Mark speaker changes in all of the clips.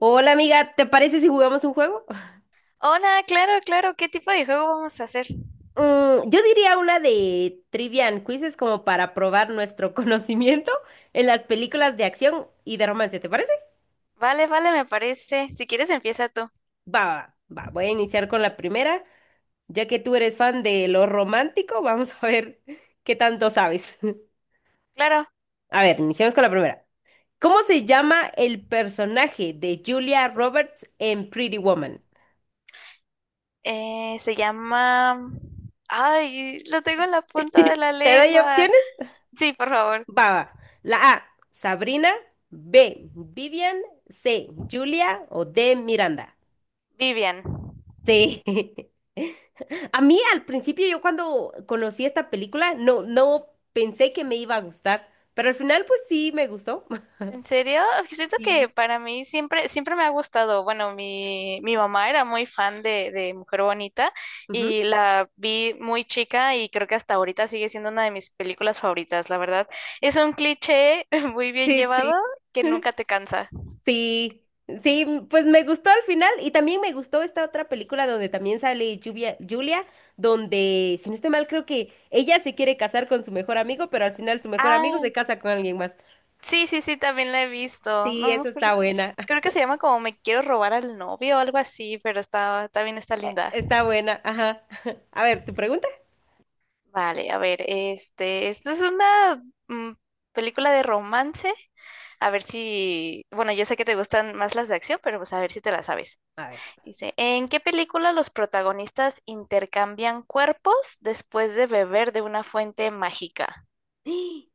Speaker 1: Hola amiga, ¿te parece si jugamos un juego?
Speaker 2: Hola, claro, claro, ¿qué tipo de juego vamos a hacer?
Speaker 1: Yo diría una de trivia and quizzes como para probar nuestro conocimiento en las películas de acción y de romance, ¿te parece?
Speaker 2: Vale, vale, me parece. Si quieres, empieza tú.
Speaker 1: Va, voy a iniciar con la primera. Ya que tú eres fan de lo romántico, vamos a ver qué tanto sabes.
Speaker 2: Claro,
Speaker 1: A ver, iniciamos con la primera. ¿Cómo se llama el personaje de Julia Roberts en Pretty Woman?
Speaker 2: se llama... Ay, lo tengo en la punta de la
Speaker 1: ¿Te doy
Speaker 2: lengua.
Speaker 1: opciones?
Speaker 2: Sí, por favor,
Speaker 1: Va, va. La A, Sabrina. B, Vivian. C, Julia. O D, Miranda.
Speaker 2: Vivian.
Speaker 1: Sí. A mí al principio, yo cuando conocí esta película, no pensé que me iba a gustar, pero al final pues sí me gustó.
Speaker 2: ¿En serio? Siento
Speaker 1: Sí.
Speaker 2: que para mí siempre, siempre me ha gustado. Bueno, mi mamá era muy fan de Mujer Bonita,
Speaker 1: Ujú.
Speaker 2: y la vi muy chica y creo que hasta ahorita sigue siendo una de mis películas favoritas, la verdad. Es un cliché muy bien
Speaker 1: Sí,
Speaker 2: llevado
Speaker 1: sí.
Speaker 2: que nunca te cansa.
Speaker 1: Sí, sí, pues me gustó al final y también me gustó esta otra película donde también sale Julia, donde, si no estoy mal, creo que ella se quiere casar con su mejor amigo, pero al final su mejor amigo
Speaker 2: Ah,
Speaker 1: se casa con alguien más.
Speaker 2: sí, sí, sí, también la he visto.
Speaker 1: Sí,
Speaker 2: No me
Speaker 1: esa
Speaker 2: acuerdo.
Speaker 1: está buena,
Speaker 2: Creo que se llama como Me quiero robar al novio o algo así, pero está, también está linda.
Speaker 1: está buena, ajá. A ver, ¿tu pregunta?
Speaker 2: Vale, a ver, este, esta es una mm, película de romance. A ver si, bueno, yo sé que te gustan más las de acción, pero pues a ver si te la sabes.
Speaker 1: A ver.
Speaker 2: Dice, ¿en qué película los protagonistas intercambian cuerpos después de beber de una fuente mágica?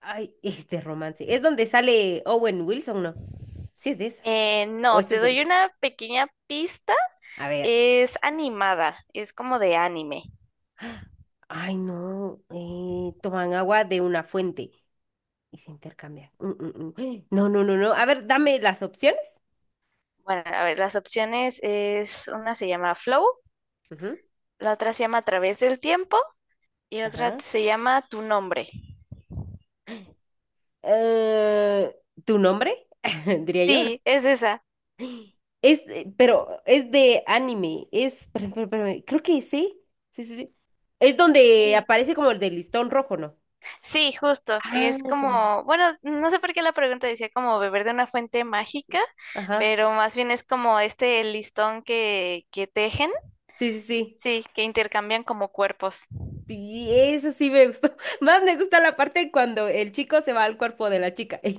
Speaker 1: Ay, este romance. ¿Es donde sale Owen Wilson, no? Sí, es de esa. O
Speaker 2: No,
Speaker 1: esa
Speaker 2: te
Speaker 1: es donde...
Speaker 2: doy una pequeña pista.
Speaker 1: A ver.
Speaker 2: Es animada, es como de anime.
Speaker 1: Ay, no. Toman agua de una fuente. Y se intercambia. Mm. ¡Ay! No, no, no, no. A ver, dame las opciones.
Speaker 2: Bueno, a ver, las opciones es, una se llama Flow,
Speaker 1: Ujú.
Speaker 2: la otra se llama A través del tiempo y otra
Speaker 1: Ajá.
Speaker 2: se llama Tu nombre.
Speaker 1: Eh, ¿Tu nombre? Diría yo, ¿no?
Speaker 2: Sí, es esa.
Speaker 1: Es, pero es de anime. Es, espérame, creo que sí. Sí, sí, sí. Es donde
Speaker 2: Sí,
Speaker 1: aparece como el de listón rojo, ¿no?
Speaker 2: sí, justo.
Speaker 1: Ah,
Speaker 2: Es
Speaker 1: ya.
Speaker 2: como, bueno, no sé por qué la pregunta decía como beber de una fuente mágica,
Speaker 1: Ajá.
Speaker 2: pero más bien es como este listón que tejen,
Speaker 1: Sí, sí, sí.
Speaker 2: sí, que intercambian como cuerpos.
Speaker 1: Sí, eso sí me gustó. Más me gusta la parte cuando el chico se va al cuerpo de la chica.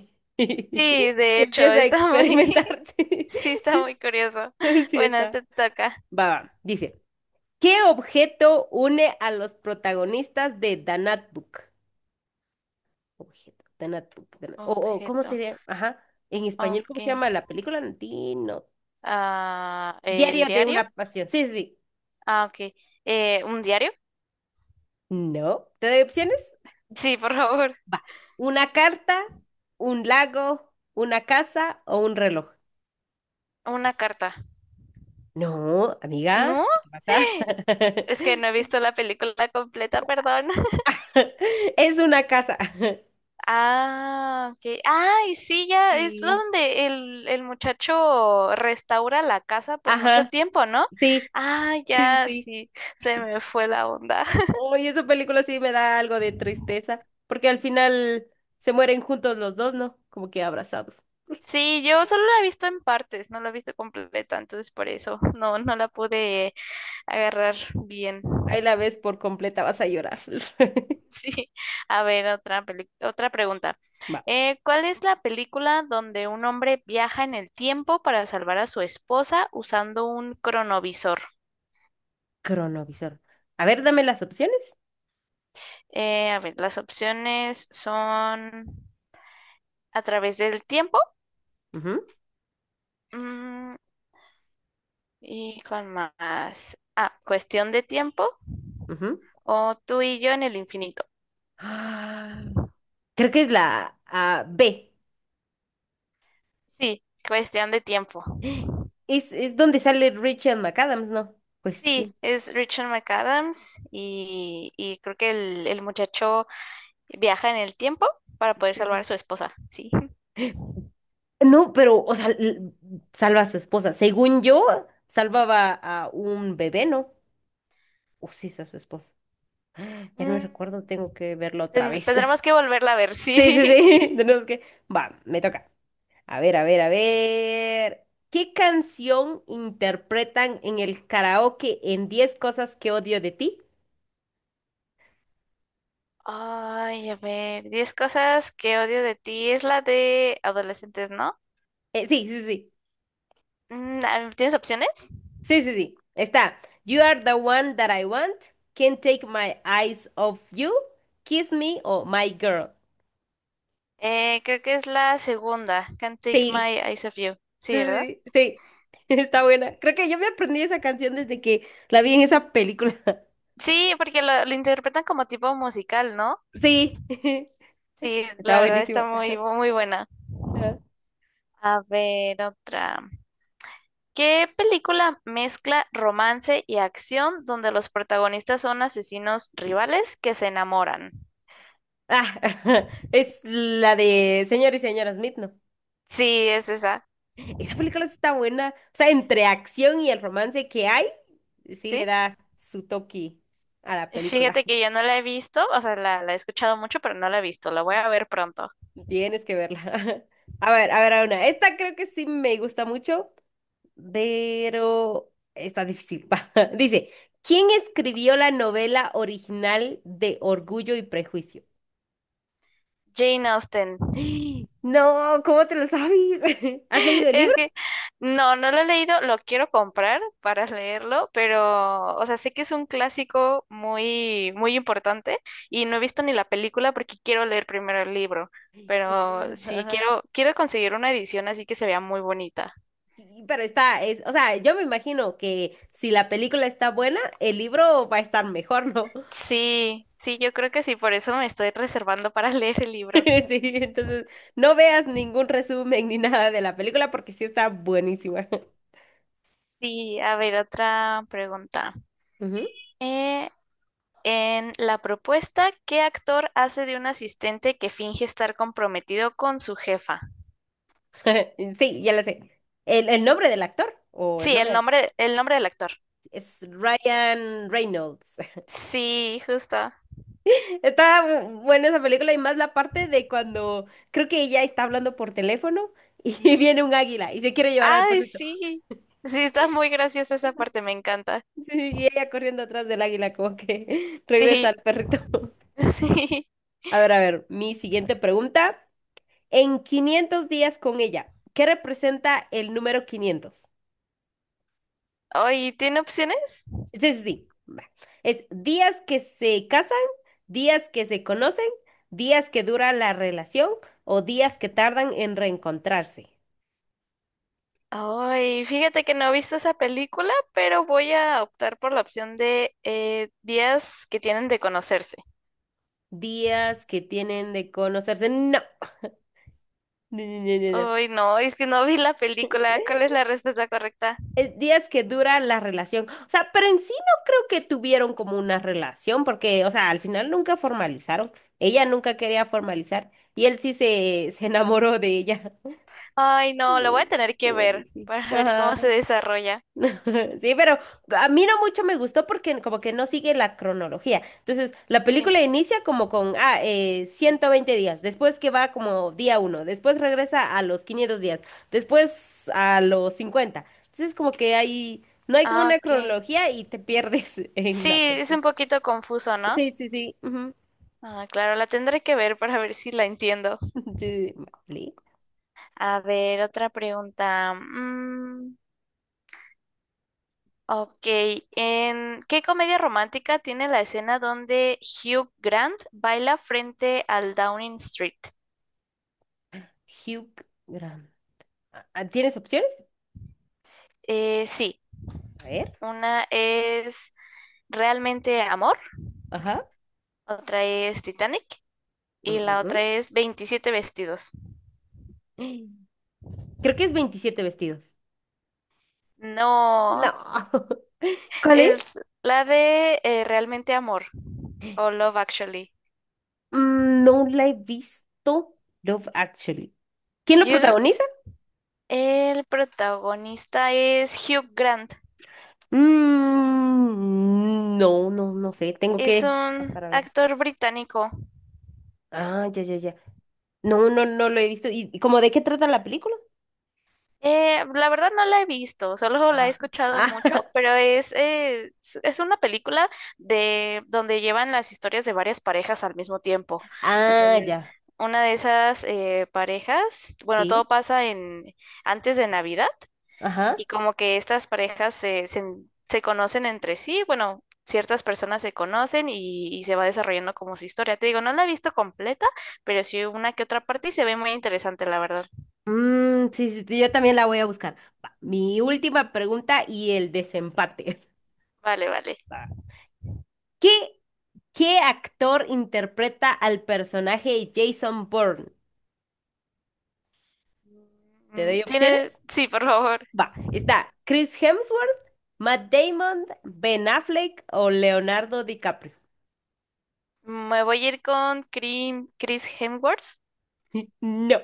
Speaker 2: Sí, de
Speaker 1: Y
Speaker 2: hecho,
Speaker 1: empieza a
Speaker 2: está muy,
Speaker 1: experimentar. Sí.
Speaker 2: sí, está muy curioso.
Speaker 1: Sí,
Speaker 2: Bueno,
Speaker 1: está.
Speaker 2: te toca.
Speaker 1: Va, va. Dice, ¿qué objeto une a los protagonistas de The Notebook? Objeto, The Notebook. The Not- O, ¿cómo
Speaker 2: Objeto.
Speaker 1: sería? Ajá. En español, ¿cómo
Speaker 2: Ok.
Speaker 1: se llama la película? No.
Speaker 2: Ah, ¿el
Speaker 1: Diario de
Speaker 2: diario?
Speaker 1: una pasión. Sí, sí, sí.
Speaker 2: Ah, ok. ¿Un diario?
Speaker 1: No. ¿Te doy opciones?
Speaker 2: Sí, por favor.
Speaker 1: Va. ¿Una carta, un lago, una casa o un reloj?
Speaker 2: Una carta.
Speaker 1: No, amiga,
Speaker 2: ¿No?
Speaker 1: ¿qué te pasa?
Speaker 2: Es que no he visto la película completa, perdón.
Speaker 1: Es una casa.
Speaker 2: Ah, ok. Ay, sí, ya es
Speaker 1: Sí.
Speaker 2: donde el muchacho restaura la casa por mucho
Speaker 1: Ajá.
Speaker 2: tiempo, ¿no?
Speaker 1: Sí,
Speaker 2: Ah,
Speaker 1: sí,
Speaker 2: ya,
Speaker 1: sí,
Speaker 2: sí, se
Speaker 1: sí.
Speaker 2: me fue la onda.
Speaker 1: Uy, esa película sí me da algo de tristeza, porque al final se mueren juntos los dos, ¿no? Como que abrazados.
Speaker 2: Sí, yo solo la he visto en partes, no la he visto completa, entonces por eso no, no la pude agarrar bien.
Speaker 1: Ahí la ves por completa, vas a llorar.
Speaker 2: Sí. A ver, otra pregunta.
Speaker 1: Va,
Speaker 2: ¿Cuál es la película donde un hombre viaja en el tiempo para salvar a su esposa usando un cronovisor?
Speaker 1: cronovisor. A ver, dame las opciones.
Speaker 2: A ver, las opciones son a través del tiempo,
Speaker 1: Ujú,
Speaker 2: mm, y con más. Ah, cuestión de tiempo
Speaker 1: ujú.
Speaker 2: o tú y yo en el infinito.
Speaker 1: Ah, creo que es la B.
Speaker 2: Sí, cuestión de tiempo.
Speaker 1: Es donde sale Rachel McAdams, ¿no? Pues
Speaker 2: Sí,
Speaker 1: tiene.
Speaker 2: es Richard McAdams y creo que el muchacho viaja en el tiempo para
Speaker 1: Sí,
Speaker 2: poder
Speaker 1: sí,
Speaker 2: salvar a
Speaker 1: sí.
Speaker 2: su esposa, sí.
Speaker 1: No, pero, o sea, salva a su esposa. Según yo, salvaba a un bebé, ¿no? O sí, es a su esposa. Ya no me
Speaker 2: Mm,
Speaker 1: recuerdo, tengo que verlo otra vez.
Speaker 2: tendremos que volverla a ver, sí.
Speaker 1: Sí, sí, sí, tenemos que... Va, me toca. A ver. ¿Qué canción interpretan en el karaoke en 10 cosas que odio de ti?
Speaker 2: Ay, a ver, diez cosas que odio de ti es la de adolescentes, ¿no?
Speaker 1: Sí, sí, sí,
Speaker 2: Mm, a ver, ¿tienes opciones?
Speaker 1: sí, sí, sí. Está. You are the one that I want. Can't take my eyes off you. Kiss me o My Girl.
Speaker 2: Creo que es la segunda, Can't Take
Speaker 1: Sí,
Speaker 2: My Eyes Off You. Sí, ¿verdad?
Speaker 1: sí, sí, sí. Está buena. Creo que yo me aprendí esa canción desde que la vi en esa película.
Speaker 2: Sí, porque lo interpretan como tipo musical, ¿no?
Speaker 1: Sí,
Speaker 2: Sí,
Speaker 1: está
Speaker 2: la verdad
Speaker 1: buenísima.
Speaker 2: está muy, muy buena.
Speaker 1: Ajá.
Speaker 2: A ver, otra. ¿Qué película mezcla romance y acción donde los protagonistas son asesinos rivales que se enamoran?
Speaker 1: Ah, es la de Señor y Señora Smith, ¿no?
Speaker 2: Sí, es esa.
Speaker 1: Esa película sí está buena. O sea, entre acción y el romance que hay, sí le
Speaker 2: ¿Sí?
Speaker 1: da su toque a la película.
Speaker 2: Fíjate que yo no la he visto, o sea, la he escuchado mucho, pero no la he visto. La voy a ver pronto.
Speaker 1: Tienes que verla. A ver, a ver, a una. Esta creo que sí me gusta mucho, pero está difícil. Pa. Dice, ¿quién escribió la novela original de Orgullo y Prejuicio?
Speaker 2: Jane Austen.
Speaker 1: No, ¿cómo te lo sabes? ¿Has leído el
Speaker 2: Es
Speaker 1: libro?
Speaker 2: que no, no lo he leído, lo quiero comprar para leerlo, pero, o sea, sé que es un clásico muy, muy importante y no he visto ni la película porque quiero leer primero el libro, pero sí
Speaker 1: No.
Speaker 2: quiero, quiero conseguir una edición así que se vea muy bonita.
Speaker 1: Sí, pero está, es, o sea, yo me imagino que si la película está buena, el libro va a estar mejor, ¿no?
Speaker 2: Sí, sí, yo creo que sí, por eso me estoy reservando para leer el libro.
Speaker 1: Sí, entonces no veas ningún resumen ni nada de la película porque sí está buenísima.
Speaker 2: Sí, a ver, otra pregunta.
Speaker 1: Ujú.
Speaker 2: Eh, en la propuesta, ¿qué actor hace de un asistente que finge estar comprometido con su jefa?
Speaker 1: Sí, ya la sé. El nombre del actor o el
Speaker 2: Sí,
Speaker 1: nombre
Speaker 2: el nombre del actor.
Speaker 1: es Ryan Reynolds?
Speaker 2: Sí, justo.
Speaker 1: Está buena esa película y más la parte de cuando creo que ella está hablando por teléfono y viene un águila y se quiere llevar al
Speaker 2: Ay,
Speaker 1: perrito.
Speaker 2: sí. Sí, está muy graciosa esa parte, me encanta.
Speaker 1: Sí, y ella corriendo atrás del águila, como que regresa
Speaker 2: Sí,
Speaker 1: al perrito.
Speaker 2: sí.
Speaker 1: A ver, mi siguiente pregunta. En 500 días con ella, ¿qué representa el número 500?
Speaker 2: Ay, ¿tiene opciones?
Speaker 1: Sí, sí, sí, va. Es días que se casan, días que se conocen, días que dura la relación o días que tardan en reencontrarse.
Speaker 2: Ay, fíjate que no he visto esa película, pero voy a optar por la opción de días que tienen de conocerse.
Speaker 1: Días que tienen de conocerse. No. No, no, no, no, no.
Speaker 2: Ay, no, es que no vi la película. ¿Cuál es la respuesta correcta?
Speaker 1: Es días que dura la relación. O sea, pero en sí no creo que tuvieron como una relación, porque, o sea, al final nunca formalizaron. Ella nunca quería formalizar y él sí se enamoró de ella.
Speaker 2: Ay, no, lo voy
Speaker 1: Mm,
Speaker 2: a tener que
Speaker 1: estuvo
Speaker 2: ver
Speaker 1: difícil.
Speaker 2: para ver cómo se
Speaker 1: Ajá.
Speaker 2: desarrolla.
Speaker 1: Sí, pero a mí no mucho me gustó porque como que no sigue la cronología. Entonces, la
Speaker 2: Sí.
Speaker 1: película inicia como con 120 días, después que va como día uno, después regresa a los 500 días, después a los 50. Entonces, como que no hay como
Speaker 2: Ah,
Speaker 1: una
Speaker 2: ok.
Speaker 1: cronología y te pierdes en
Speaker 2: Sí,
Speaker 1: la
Speaker 2: es
Speaker 1: película.
Speaker 2: un poquito confuso, ¿no?
Speaker 1: Sí, sí, sí, ujú.
Speaker 2: Ah, claro, la tendré que ver para ver si la entiendo.
Speaker 1: Sí, sí,
Speaker 2: A ver, otra pregunta. Mm, ok, ¿en qué comedia romántica tiene la escena donde Hugh Grant baila frente al Downing Street?
Speaker 1: sí. Hugh Grant. ¿Tienes opciones?
Speaker 2: Sí,
Speaker 1: A ver.
Speaker 2: una es Realmente Amor,
Speaker 1: Ajá.
Speaker 2: otra es Titanic y
Speaker 1: Mm,
Speaker 2: la
Speaker 1: mm,
Speaker 2: otra es Veintisiete vestidos.
Speaker 1: mm. Creo que es 27 vestidos. No.
Speaker 2: No,
Speaker 1: ¿Cuál es?
Speaker 2: es la de Realmente Amor o Love Actually.
Speaker 1: Mm, no la he visto. Love Actually. ¿Quién lo
Speaker 2: Yo
Speaker 1: protagoniza?
Speaker 2: el protagonista es Hugh Grant.
Speaker 1: Mm, no, no, no sé. Tengo
Speaker 2: Es
Speaker 1: que pasar
Speaker 2: un
Speaker 1: a ver.
Speaker 2: actor británico.
Speaker 1: Ah, ya, ya, ya. No, no, no lo he visto. Y cómo de qué trata la película?
Speaker 2: La verdad no la he visto, solo la he
Speaker 1: Ah,
Speaker 2: escuchado mucho,
Speaker 1: ah,
Speaker 2: pero es, es una película de donde llevan las historias de varias parejas al mismo tiempo.
Speaker 1: ah,
Speaker 2: Entonces,
Speaker 1: ya.
Speaker 2: una de esas parejas, bueno,
Speaker 1: Sí.
Speaker 2: todo pasa en antes de Navidad
Speaker 1: Ajá.
Speaker 2: y como que estas parejas se conocen entre sí, bueno, ciertas personas se conocen y se va desarrollando como su historia. Te digo, no la he visto completa, pero sí una que otra parte y se ve muy interesante, la verdad.
Speaker 1: Mm, sí, sí, sí, yo también la voy a buscar. Va, mi última pregunta y el desempate.
Speaker 2: Vale, vale.
Speaker 1: Va. ¿Qué, qué actor interpreta al personaje Jason Bourne? ¿Te
Speaker 2: Mm,
Speaker 1: doy
Speaker 2: tiene,
Speaker 1: opciones?
Speaker 2: sí, por favor.
Speaker 1: Va, está Chris Hemsworth, Matt Damon, Ben Affleck o Leonardo DiCaprio.
Speaker 2: Me voy a ir con Chris Hemsworth.
Speaker 1: No,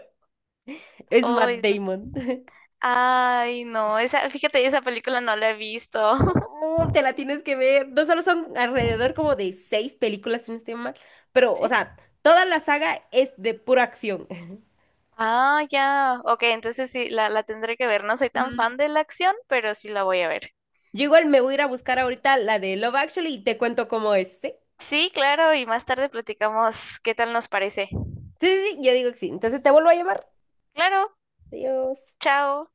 Speaker 1: es Matt
Speaker 2: Ay, no,
Speaker 1: Damon.
Speaker 2: ay, no, esa, fíjate, esa película no la he visto.
Speaker 1: No, te la tienes que ver. No solo son alrededor como de 6 películas, si no estoy mal, pero, o
Speaker 2: ¿Sí?
Speaker 1: sea, toda la saga es de pura acción.
Speaker 2: Ah, ya. Ok, entonces sí, la tendré que ver. No soy tan
Speaker 1: Ujú.
Speaker 2: fan de la acción, pero sí la voy a ver.
Speaker 1: Yo igual me voy a ir a buscar ahorita la de Love Actually y te cuento cómo es, ¿sí?
Speaker 2: Sí, claro, y más tarde platicamos qué tal nos parece.
Speaker 1: Sí, sí, sí, yo digo que sí. Entonces te vuelvo a llamar.
Speaker 2: Claro,
Speaker 1: Adiós.
Speaker 2: chao.